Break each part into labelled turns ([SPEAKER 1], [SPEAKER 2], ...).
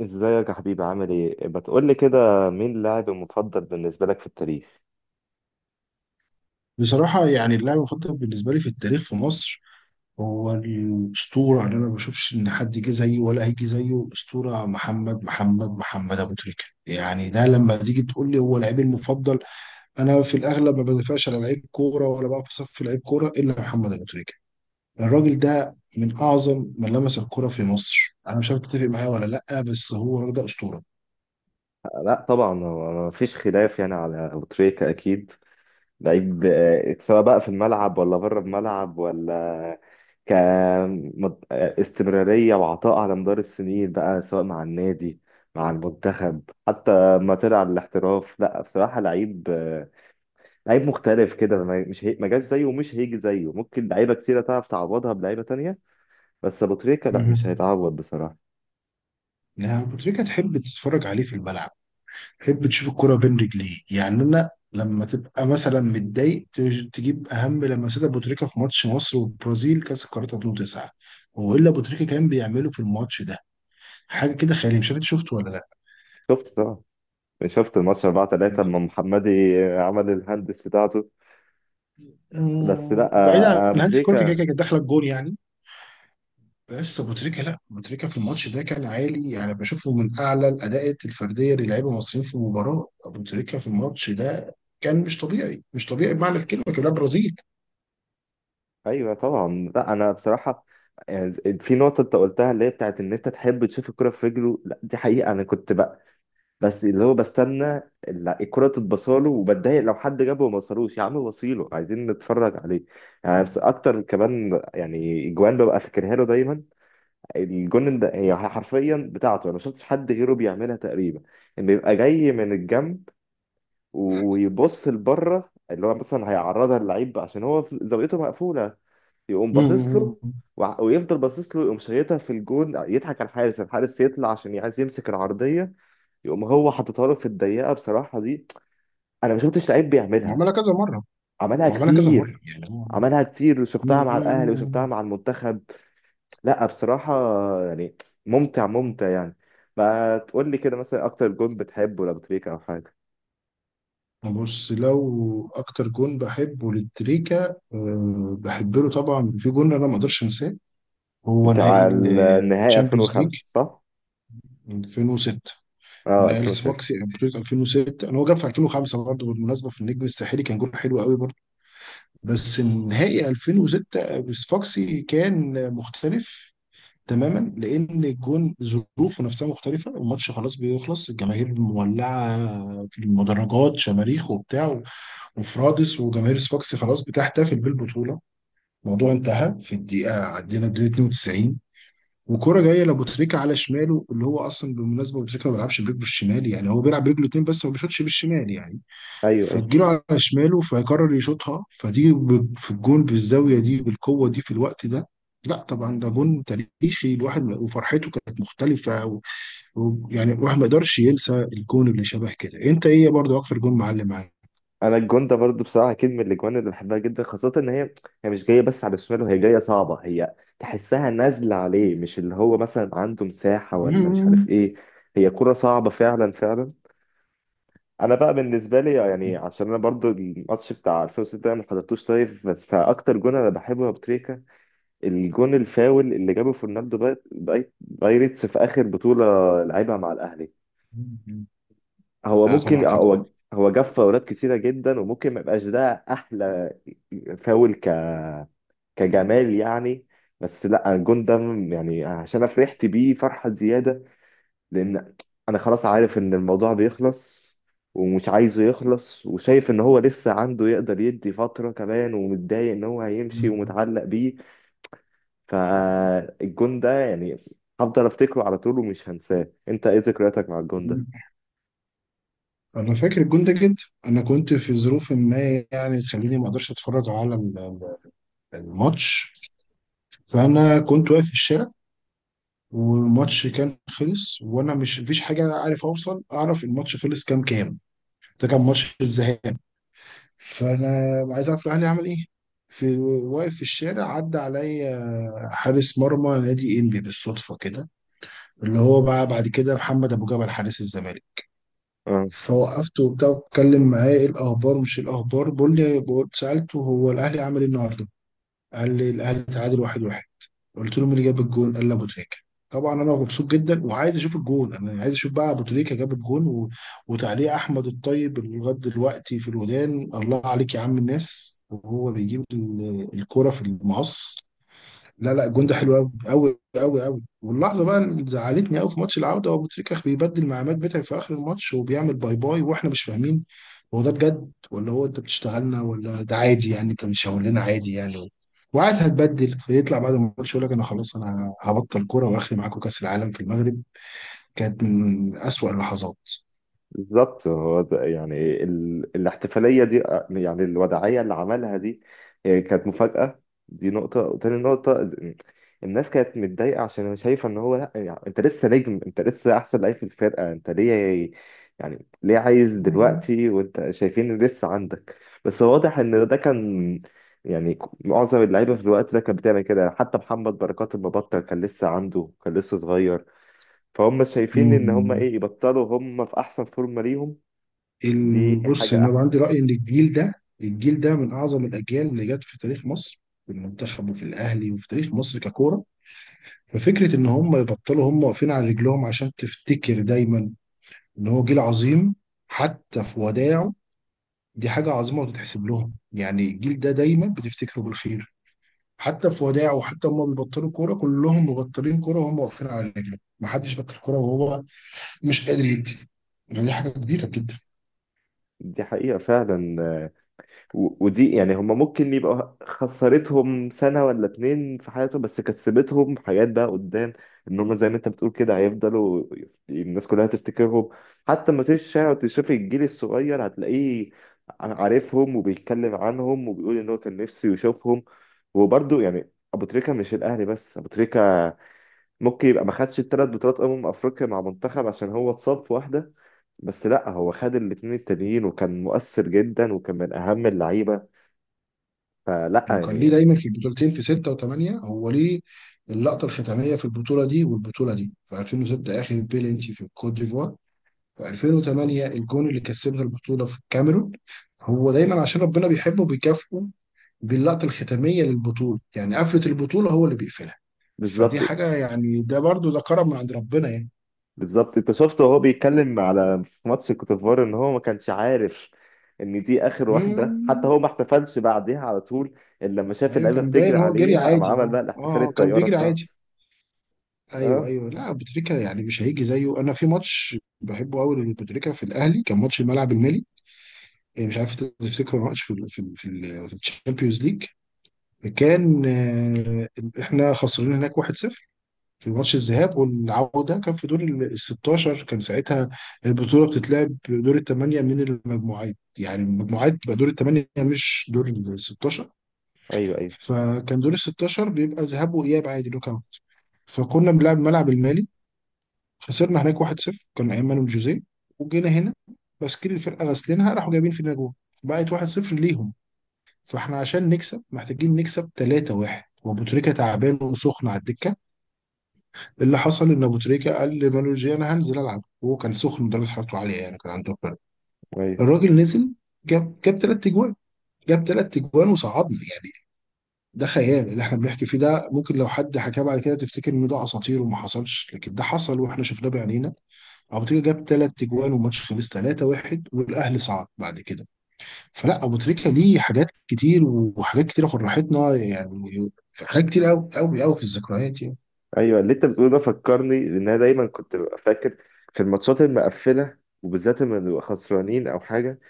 [SPEAKER 1] ازيك يا حبيبي، عامل ايه؟ بتقول لي كده مين اللاعب المفضل بالنسبه لك في التاريخ؟
[SPEAKER 2] بصراحة يعني اللاعب المفضل بالنسبة لي في التاريخ في مصر هو الأسطورة اللي أنا ما بشوفش إن حد جه زيه ولا هيجي زيه، الأسطورة محمد محمد محمد أبو تريكة. يعني ده لما تيجي تقول لي هو لعيبي المفضل، أنا في الأغلب ما بدافعش على لعيب كورة ولا بقى في صف لعيب كورة إلا محمد أبو تريكة. الراجل ده من أعظم من لمس الكرة في مصر. أنا مش عارف تتفق معايا ولا لأ، بس هو الراجل ده أسطورة.
[SPEAKER 1] لا طبعا، هو ما فيش خلاف يعني على ابو تريكة اكيد. لعيب سواء بقى في الملعب ولا بره الملعب، ولا ك مد- آه، استمراريه وعطاء على مدار السنين بقى، سواء مع النادي، مع المنتخب، حتى ما طلع الاحتراف. لا بصراحه لعيب لعيب مختلف كده. ما- مش هي... ما جاش زيه ومش هيجي زيه. ممكن لعيبه كتيره تعرف تعوضها بلعيبه تانية، بس ابو تريكة لا،
[SPEAKER 2] مهم.
[SPEAKER 1] مش هيتعوض بصراحه.
[SPEAKER 2] يعني أبو تريكة تحب تتفرج عليه في الملعب، حب تشوف الكرة بين رجليه. يعني انا لما تبقى مثلا متضايق تجيب اهم لمسات ابو تريكة في ماتش مصر والبرازيل كاس القارات 2009. هو ايه اللي ابو تريكة كان بيعمله في الماتش ده؟ حاجه كده خياليه، مش عارف انت شفته ولا لا.
[SPEAKER 1] شفت طبعا، شفت الماتش 4-3 لما محمدي عمل الهندس بتاعته. بس لا
[SPEAKER 2] بعيد عن
[SPEAKER 1] ابو
[SPEAKER 2] هانس كلوكا، كده كده
[SPEAKER 1] تريكه.
[SPEAKER 2] كانت داخله الجون يعني. بس ابو تريكة، لا، ابو تريكة في الماتش ده كان عالي يعني. بشوفه من اعلى الاداءات الفرديه للاعيبه المصريين في المباراه، ابو تريكة في الماتش ده كان مش طبيعي مش طبيعي بمعنى الكلمه، كان لاعب برازيل.
[SPEAKER 1] ايوه طبعا. لا انا بصراحه يعني، في نقطه انت قلتها اللي هي بتاعت ان انت تحب تشوف الكره في رجله، لا دي حقيقه. انا كنت بقى بس اللي هو بستنى الكره تتبصاله، وبتضايق لو حد جابه وما وصلوش. يا عم وصيله، عايزين نتفرج عليه يعني. بس اكتر كمان يعني، اجوان ببقى فاكرها له دايما. الجون ده هي حرفيا بتاعته، انا ما شفتش حد غيره بيعملها تقريبا. ان بيبقى جاي من الجنب ويبص لبره، اللي هو مثلا هيعرضها للعيب عشان هو زاويته مقفوله، يقوم باصص
[SPEAKER 2] أمم،
[SPEAKER 1] له، ويفضل باصص له، يقوم شايطها في الجون، يضحك على الحارس. الحارس يطلع عشان عايز يمسك العرضيه، يقوم هو حاططها له في الضيقه. بصراحه دي انا ما شفتش لعيب بيعملها.
[SPEAKER 2] عملها كذا مره.
[SPEAKER 1] عملها
[SPEAKER 2] هو عملها كذا مرة
[SPEAKER 1] كتير.
[SPEAKER 2] يعني هو.
[SPEAKER 1] عملها كتير، وشفتها مع الاهلي
[SPEAKER 2] مم.
[SPEAKER 1] وشفتها مع المنتخب. لا بصراحه يعني، ممتع ممتع يعني. ما تقول لي كده مثلا، اكتر جون بتحبه ولا بتريك او حاجه؟
[SPEAKER 2] بص لو أكتر جون بحبه للتريكا، أه بحب له طبعا. في جون أنا ما أقدرش أنساه، هو نهائي
[SPEAKER 1] بتاع النهائي
[SPEAKER 2] الشامبيونز ليج
[SPEAKER 1] 2005، صح؟
[SPEAKER 2] 2006،
[SPEAKER 1] اه
[SPEAKER 2] نهائي
[SPEAKER 1] 2006.
[SPEAKER 2] السفاكسي أبريل 2006. أنا هو جاب في 2005 برضه بالمناسبة في النجم الساحلي، كان جون حلو قوي برضه، بس النهائي 2006 السفاكسي كان مختلف تماما لان الجون ظروفه نفسها مختلفه، والماتش خلاص بيخلص، الجماهير مولعه في المدرجات شماريخ وبتاع وفرادس، وجماهير سفاكس خلاص بتحتفل بالبطوله، الموضوع انتهى في الدقيقه، عدينا الدقيقه 92، وكرة جايه لابو تريكة على شماله، اللي هو اصلا بالمناسبه ابو تريكة ما بيلعبش برجله الشمال، يعني هو بيلعب برجله اتنين بس ما بيشوطش بالشمال يعني.
[SPEAKER 1] ايوه ايوه.
[SPEAKER 2] فتجيله على شماله فيقرر يشوطها فتيجي في الجون بالزاويه دي بالقوه دي في الوقت ده. لا طبعا ده جون تاريخي، الواحد وفرحته كانت مختلفه يعني الواحد ما يقدرش ينسى الجون. اللي شبه كده، انت ايه برضو اكتر جون معلم معاك؟
[SPEAKER 1] انا الجون ده برضو بصراحه اكيد من الاجوان اللي بحبها جدا، خاصه ان هي هي مش جايه بس على الشمال، وهي جايه صعبه، هي تحسها نازله عليه، مش اللي هو مثلا عنده مساحه ولا مش عارف
[SPEAKER 2] مم.
[SPEAKER 1] ايه. هي كره صعبه فعلا فعلا. انا بقى بالنسبه لي يعني، عشان انا برضو الماتش بتاع 2006 ده ما حضرتوش لايف. بس فاكتر جون انا بحبه يا أبو تريكه، الجون الفاول اللي جابه فرناندو بايرتس في اخر بطوله لعبها مع الاهلي. هو
[SPEAKER 2] لا
[SPEAKER 1] ممكن
[SPEAKER 2] طبعا فاكر،
[SPEAKER 1] هو هو جاب فاولات كتيرة جدا، وممكن ما يبقاش ده أحلى فاول كجمال يعني. بس لا الجون ده يعني، عشان أنا فرحت بيه فرحة زيادة، لأن أنا خلاص عارف إن الموضوع بيخلص، ومش عايزه يخلص، وشايف إن هو لسه عنده يقدر يدي فترة كمان، ومتضايق إن هو هيمشي ومتعلق بيه. فالجون ده يعني هفضل أفتكره على طول ومش هنساه. أنت إيه ذكرياتك مع الجون ده؟
[SPEAKER 2] انا فاكر الجون ده جدا. انا كنت في ظروف ما يعني تخليني ما اقدرش اتفرج على الماتش. فانا كنت واقف في الشارع، والماتش كان خلص، وانا مش مفيش حاجه عارف اوصل اعرف الماتش خلص كام كام. ده كان ماتش الذهاب، فانا عايز اعرف الاهلي عمل ايه، في واقف في الشارع. عدى عليا حارس مرمى نادي انبي بالصدفه كده، اللي هو بقى بعد كده محمد ابو جبل حارس الزمالك. فوقفته وبتاع واتكلم معاه ايه الاخبار، مش إيه الاخبار، بيقول لي، سالته هو الاهلي عمل ايه النهارده؟ قال لي الاهلي تعادل واحد واحد. قلت له مين اللي جاب الجون؟ قال لي ابو تريكه. طبعا انا مبسوط جدا وعايز اشوف الجون، انا عايز اشوف بقى ابو تريكه جاب الجون. وتعليق احمد الطيب اللي لغايه دلوقتي في الودان، الله عليك يا عم الناس وهو بيجيب الكرة في المقص. لا لا، الجون ده حلو قوي قوي قوي قوي، واللحظه بقى اللي زعلتني قوي في ماتش العوده، هو ابو تريكه بيبدل مع عماد متعب في اخر الماتش وبيعمل باي باي، واحنا مش فاهمين هو ده بجد ولا هو انت بتشتغلنا، ولا ده عادي يعني انت بتشاور لنا عادي يعني، وقعد هتبدل. فيطلع بعد الماتش يقول لك انا خلاص انا هبطل كوره واخري معاكم كاس العالم في المغرب. كانت من اسوأ اللحظات.
[SPEAKER 1] بالظبط، هو يعني الاحتفالية دي يعني الوداعية اللي عملها دي، هي كانت مفاجأة. دي نقطة، وتاني نقطة الناس كانت متضايقة عشان شايفة ان هو، لا يعني، انت لسه نجم، انت لسه احسن لعيب في الفرقة، انت ليه يعني ليه عايز دلوقتي وانت شايفين إن لسه عندك. بس واضح ان ده كان يعني معظم اللعيبة في الوقت ده كانت بتعمل كده، حتى محمد بركات المبطل كان لسه عنده، كان لسه صغير. فهم شايفين ان هم ايه يبطلوا هم في احسن فورمه ليهم. دي
[SPEAKER 2] بص
[SPEAKER 1] حاجه
[SPEAKER 2] انا عندي
[SPEAKER 1] احسن.
[SPEAKER 2] راي ان الجيل ده، الجيل ده من اعظم الاجيال اللي جت في تاريخ مصر، في المنتخب وفي الاهلي وفي تاريخ مصر ككوره. ففكره ان هم يبطلوا هم واقفين على رجلهم، عشان تفتكر دايما ان هو جيل عظيم حتى في وداعه، دي حاجه عظيمه وتتحسب لهم. يعني الجيل ده دايما بتفتكره بالخير حتى في وداعه، وحتى هم بيبطلوا كوره، كلهم مبطلين كوره وهم واقفين على رجلهم، محدش بطل كوره وهو مش قادر يدي. يعني دي حاجه كبيره جدا.
[SPEAKER 1] دي حقيقه فعلا ودي يعني هم ممكن يبقى خسرتهم سنه ولا اتنين في حياتهم، بس كسبتهم حاجات بقى قدام. ان هم زي ما انت بتقول كده، هيفضلوا الناس كلها تفتكرهم. حتى ما تيجي الشارع وتشوف الجيل الصغير، هتلاقيه عارفهم وبيتكلم عنهم وبيقول ان هو كان نفسه يشوفهم. وبرده يعني، ابو تريكه مش الاهلي بس، ابو تريكه ممكن يبقى ما خدش الثلاث بطولات افريقيا مع منتخب عشان هو اتصاب في واحده، بس لا هو خد الاثنين التانيين وكان مؤثر جدا وكان من اهم اللعيبه. فلا
[SPEAKER 2] وكان
[SPEAKER 1] يعني.
[SPEAKER 2] ليه دايما في البطولتين في 6 و8، هو ليه اللقطة الختامية في البطولة دي والبطولة دي، في 2006 آخر بيلينتي في الكوت ديفوار، في 2008 الجون اللي كسبنا البطولة في الكاميرون. هو دايما عشان ربنا بيحبه بيكافئه باللقطة الختامية للبطولة، يعني قفلة البطولة هو اللي بيقفلها. فدي
[SPEAKER 1] بالظبط.
[SPEAKER 2] حاجة يعني ده برضو ده كرم من عند ربنا يعني.
[SPEAKER 1] بالظبط انت شفته وهو بيتكلم على، في ماتش كوتيفوار، ان هو ما كانش عارف ان دي اخر واحده، حتى
[SPEAKER 2] مم.
[SPEAKER 1] هو ما احتفلش بعديها على طول، الا لما شاف
[SPEAKER 2] أيوة
[SPEAKER 1] اللعيبه
[SPEAKER 2] كان
[SPEAKER 1] بتجري
[SPEAKER 2] باين هو جري
[SPEAKER 1] عليها قام
[SPEAKER 2] عادي،
[SPEAKER 1] عمل
[SPEAKER 2] اه
[SPEAKER 1] بقى الاحتفال،
[SPEAKER 2] اه. أه، كان
[SPEAKER 1] الطياره
[SPEAKER 2] بيجري
[SPEAKER 1] بتاعته.
[SPEAKER 2] عادي. ايوه
[SPEAKER 1] اه.
[SPEAKER 2] ايوه، لا بوتريكا يعني مش هيجي زيه. انا في ماتش بحبه قوي لبوتريكا في الاهلي، كان ماتش الملعب المالي. إيه، مش عارف انت تفتكره ماتش في الشامبيونز ليج. كان احنا خسرانين هناك 1-0 في ماتش الذهاب، والعوده كان في دور ال 16 كان ساعتها، البطوله بتتلعب دور الثمانيه من المجموعات، يعني المجموعات بقى دور الثمانيه مش دور ال 16،
[SPEAKER 1] ايوه ايوه.
[SPEAKER 2] فكان دور ال 16 بيبقى ذهاب واياب عادي نوك اوت. فكنا بنلعب الملعب المالي، خسرنا هناك 1-0، كان ايام مانويل جوزيه. وجينا هنا، تشكيل الفرقه غاسلينها، راحوا جايبين فينا جول بقت 1-0 ليهم. فاحنا عشان نكسب محتاجين نكسب 3-1، وابو تريكه تعبان وسخن على الدكه. اللي حصل ان ابو تريكه قال لمانويل جوزيه انا هنزل العب، وهو كان سخن درجه حرارته عاليه يعني كان عنده برد.
[SPEAKER 1] ايوه
[SPEAKER 2] الراجل نزل، جاب ثلاث اجوان، جاب ثلاث اجوان وصعدنا يعني. ده خيال اللي احنا بنحكي فيه، ده ممكن لو حد حكاه بعد كده تفتكر ان ده اساطير وما حصلش، لكن ده حصل واحنا شفناه بعينينا. ابو تريكه جاب ثلاث اجوان والماتش خلص 3-1 والاهلي صعد بعد كده. فلا ابو تريكه ليه حاجات كتير وحاجات كتيره فرحتنا يعني، في حاجات كتير قوي قوي قوي في الذكريات يعني.
[SPEAKER 1] ايوه اللي انت بتقوله ده فكرني، لان انا دايما كنت ببقى فاكر في الماتشات المقفله، وبالذات لما نبقى خسرانين او حاجه،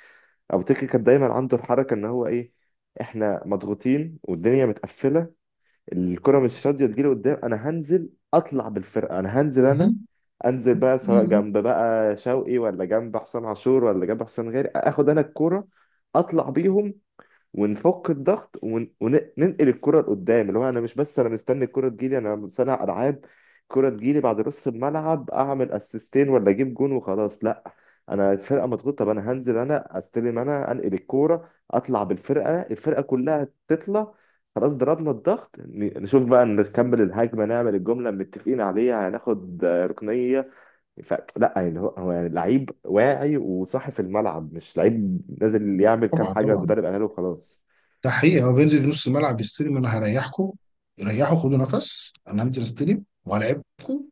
[SPEAKER 1] ابو تريكه كان دايما عنده الحركه ان هو ايه، احنا مضغوطين والدنيا متقفله، الكره مش راضيه تجيلي قدام، انا هنزل اطلع بالفرقه، انا هنزل.
[SPEAKER 2] مهم.
[SPEAKER 1] انزل بقى سواء
[SPEAKER 2] مهم.
[SPEAKER 1] جنب بقى شوقي، ولا جنب حسام عاشور، ولا جنب حسام غالي، اخد انا الكوره اطلع بيهم، ونفك الضغط، وننقل الكرة لقدام. اللي هو انا مش بس انا مستني الكرة تجيلي، انا مصنع العاب، الكرة تجيلي بعد نص الملعب اعمل اسيستين ولا اجيب جون وخلاص، لا. انا الفرقة مضغوطة، طب انا هنزل انا استلم انا انقل الكرة اطلع بالفرقة، الفرقة كلها تطلع، خلاص ضربنا الضغط، نشوف بقى نكمل الهجمة، نعمل الجملة اللي متفقين عليها، هناخد ركنية. فلا يعني، هو هو يعني لعيب واعي وصاحي في الملعب، مش لعيب نازل يعمل كام
[SPEAKER 2] طبعا
[SPEAKER 1] حاجة
[SPEAKER 2] طبعا.
[SPEAKER 1] المدرب قالها له خلاص.
[SPEAKER 2] ده حقيقي، هو بينزل نص الملعب يستلم، انا هريحكم، ريحوا خدوا نفس، انا هنزل استلم وهلاعبكم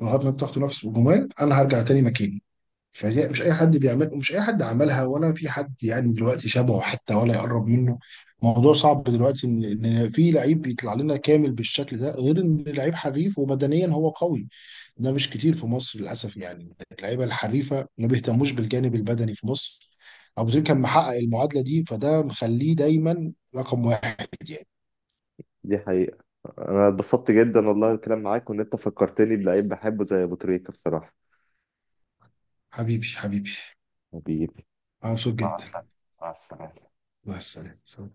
[SPEAKER 2] لغايه ما تاخدوا نفس وجمال، انا هرجع تاني مكاني. فهي مش اي حد بيعمل، ومش اي حد عملها ولا في حد يعني دلوقتي شبهه حتى ولا يقرب منه. موضوع صعب دلوقتي إن في لعيب بيطلع لنا كامل بالشكل ده، غير ان لعيب حريف وبدنيا هو قوي. ده مش كتير في مصر للاسف، يعني اللعيبه الحريفه ما بيهتموش بالجانب البدني في مصر. ابو تريكة كان محقق المعادله دي، فده مخليه دايما رقم واحد يعني.
[SPEAKER 1] دي حقيقة. أنا اتبسطت جدا والله الكلام معاك، وإن أنت فكرتني بلعيب بحبه زي أبو تريكة بصراحة.
[SPEAKER 2] حبيبي حبيبي.
[SPEAKER 1] حبيبي.
[SPEAKER 2] أنا مبسوط
[SPEAKER 1] مع
[SPEAKER 2] جدا.
[SPEAKER 1] السلامة. مع السلامة.
[SPEAKER 2] مع السلامه.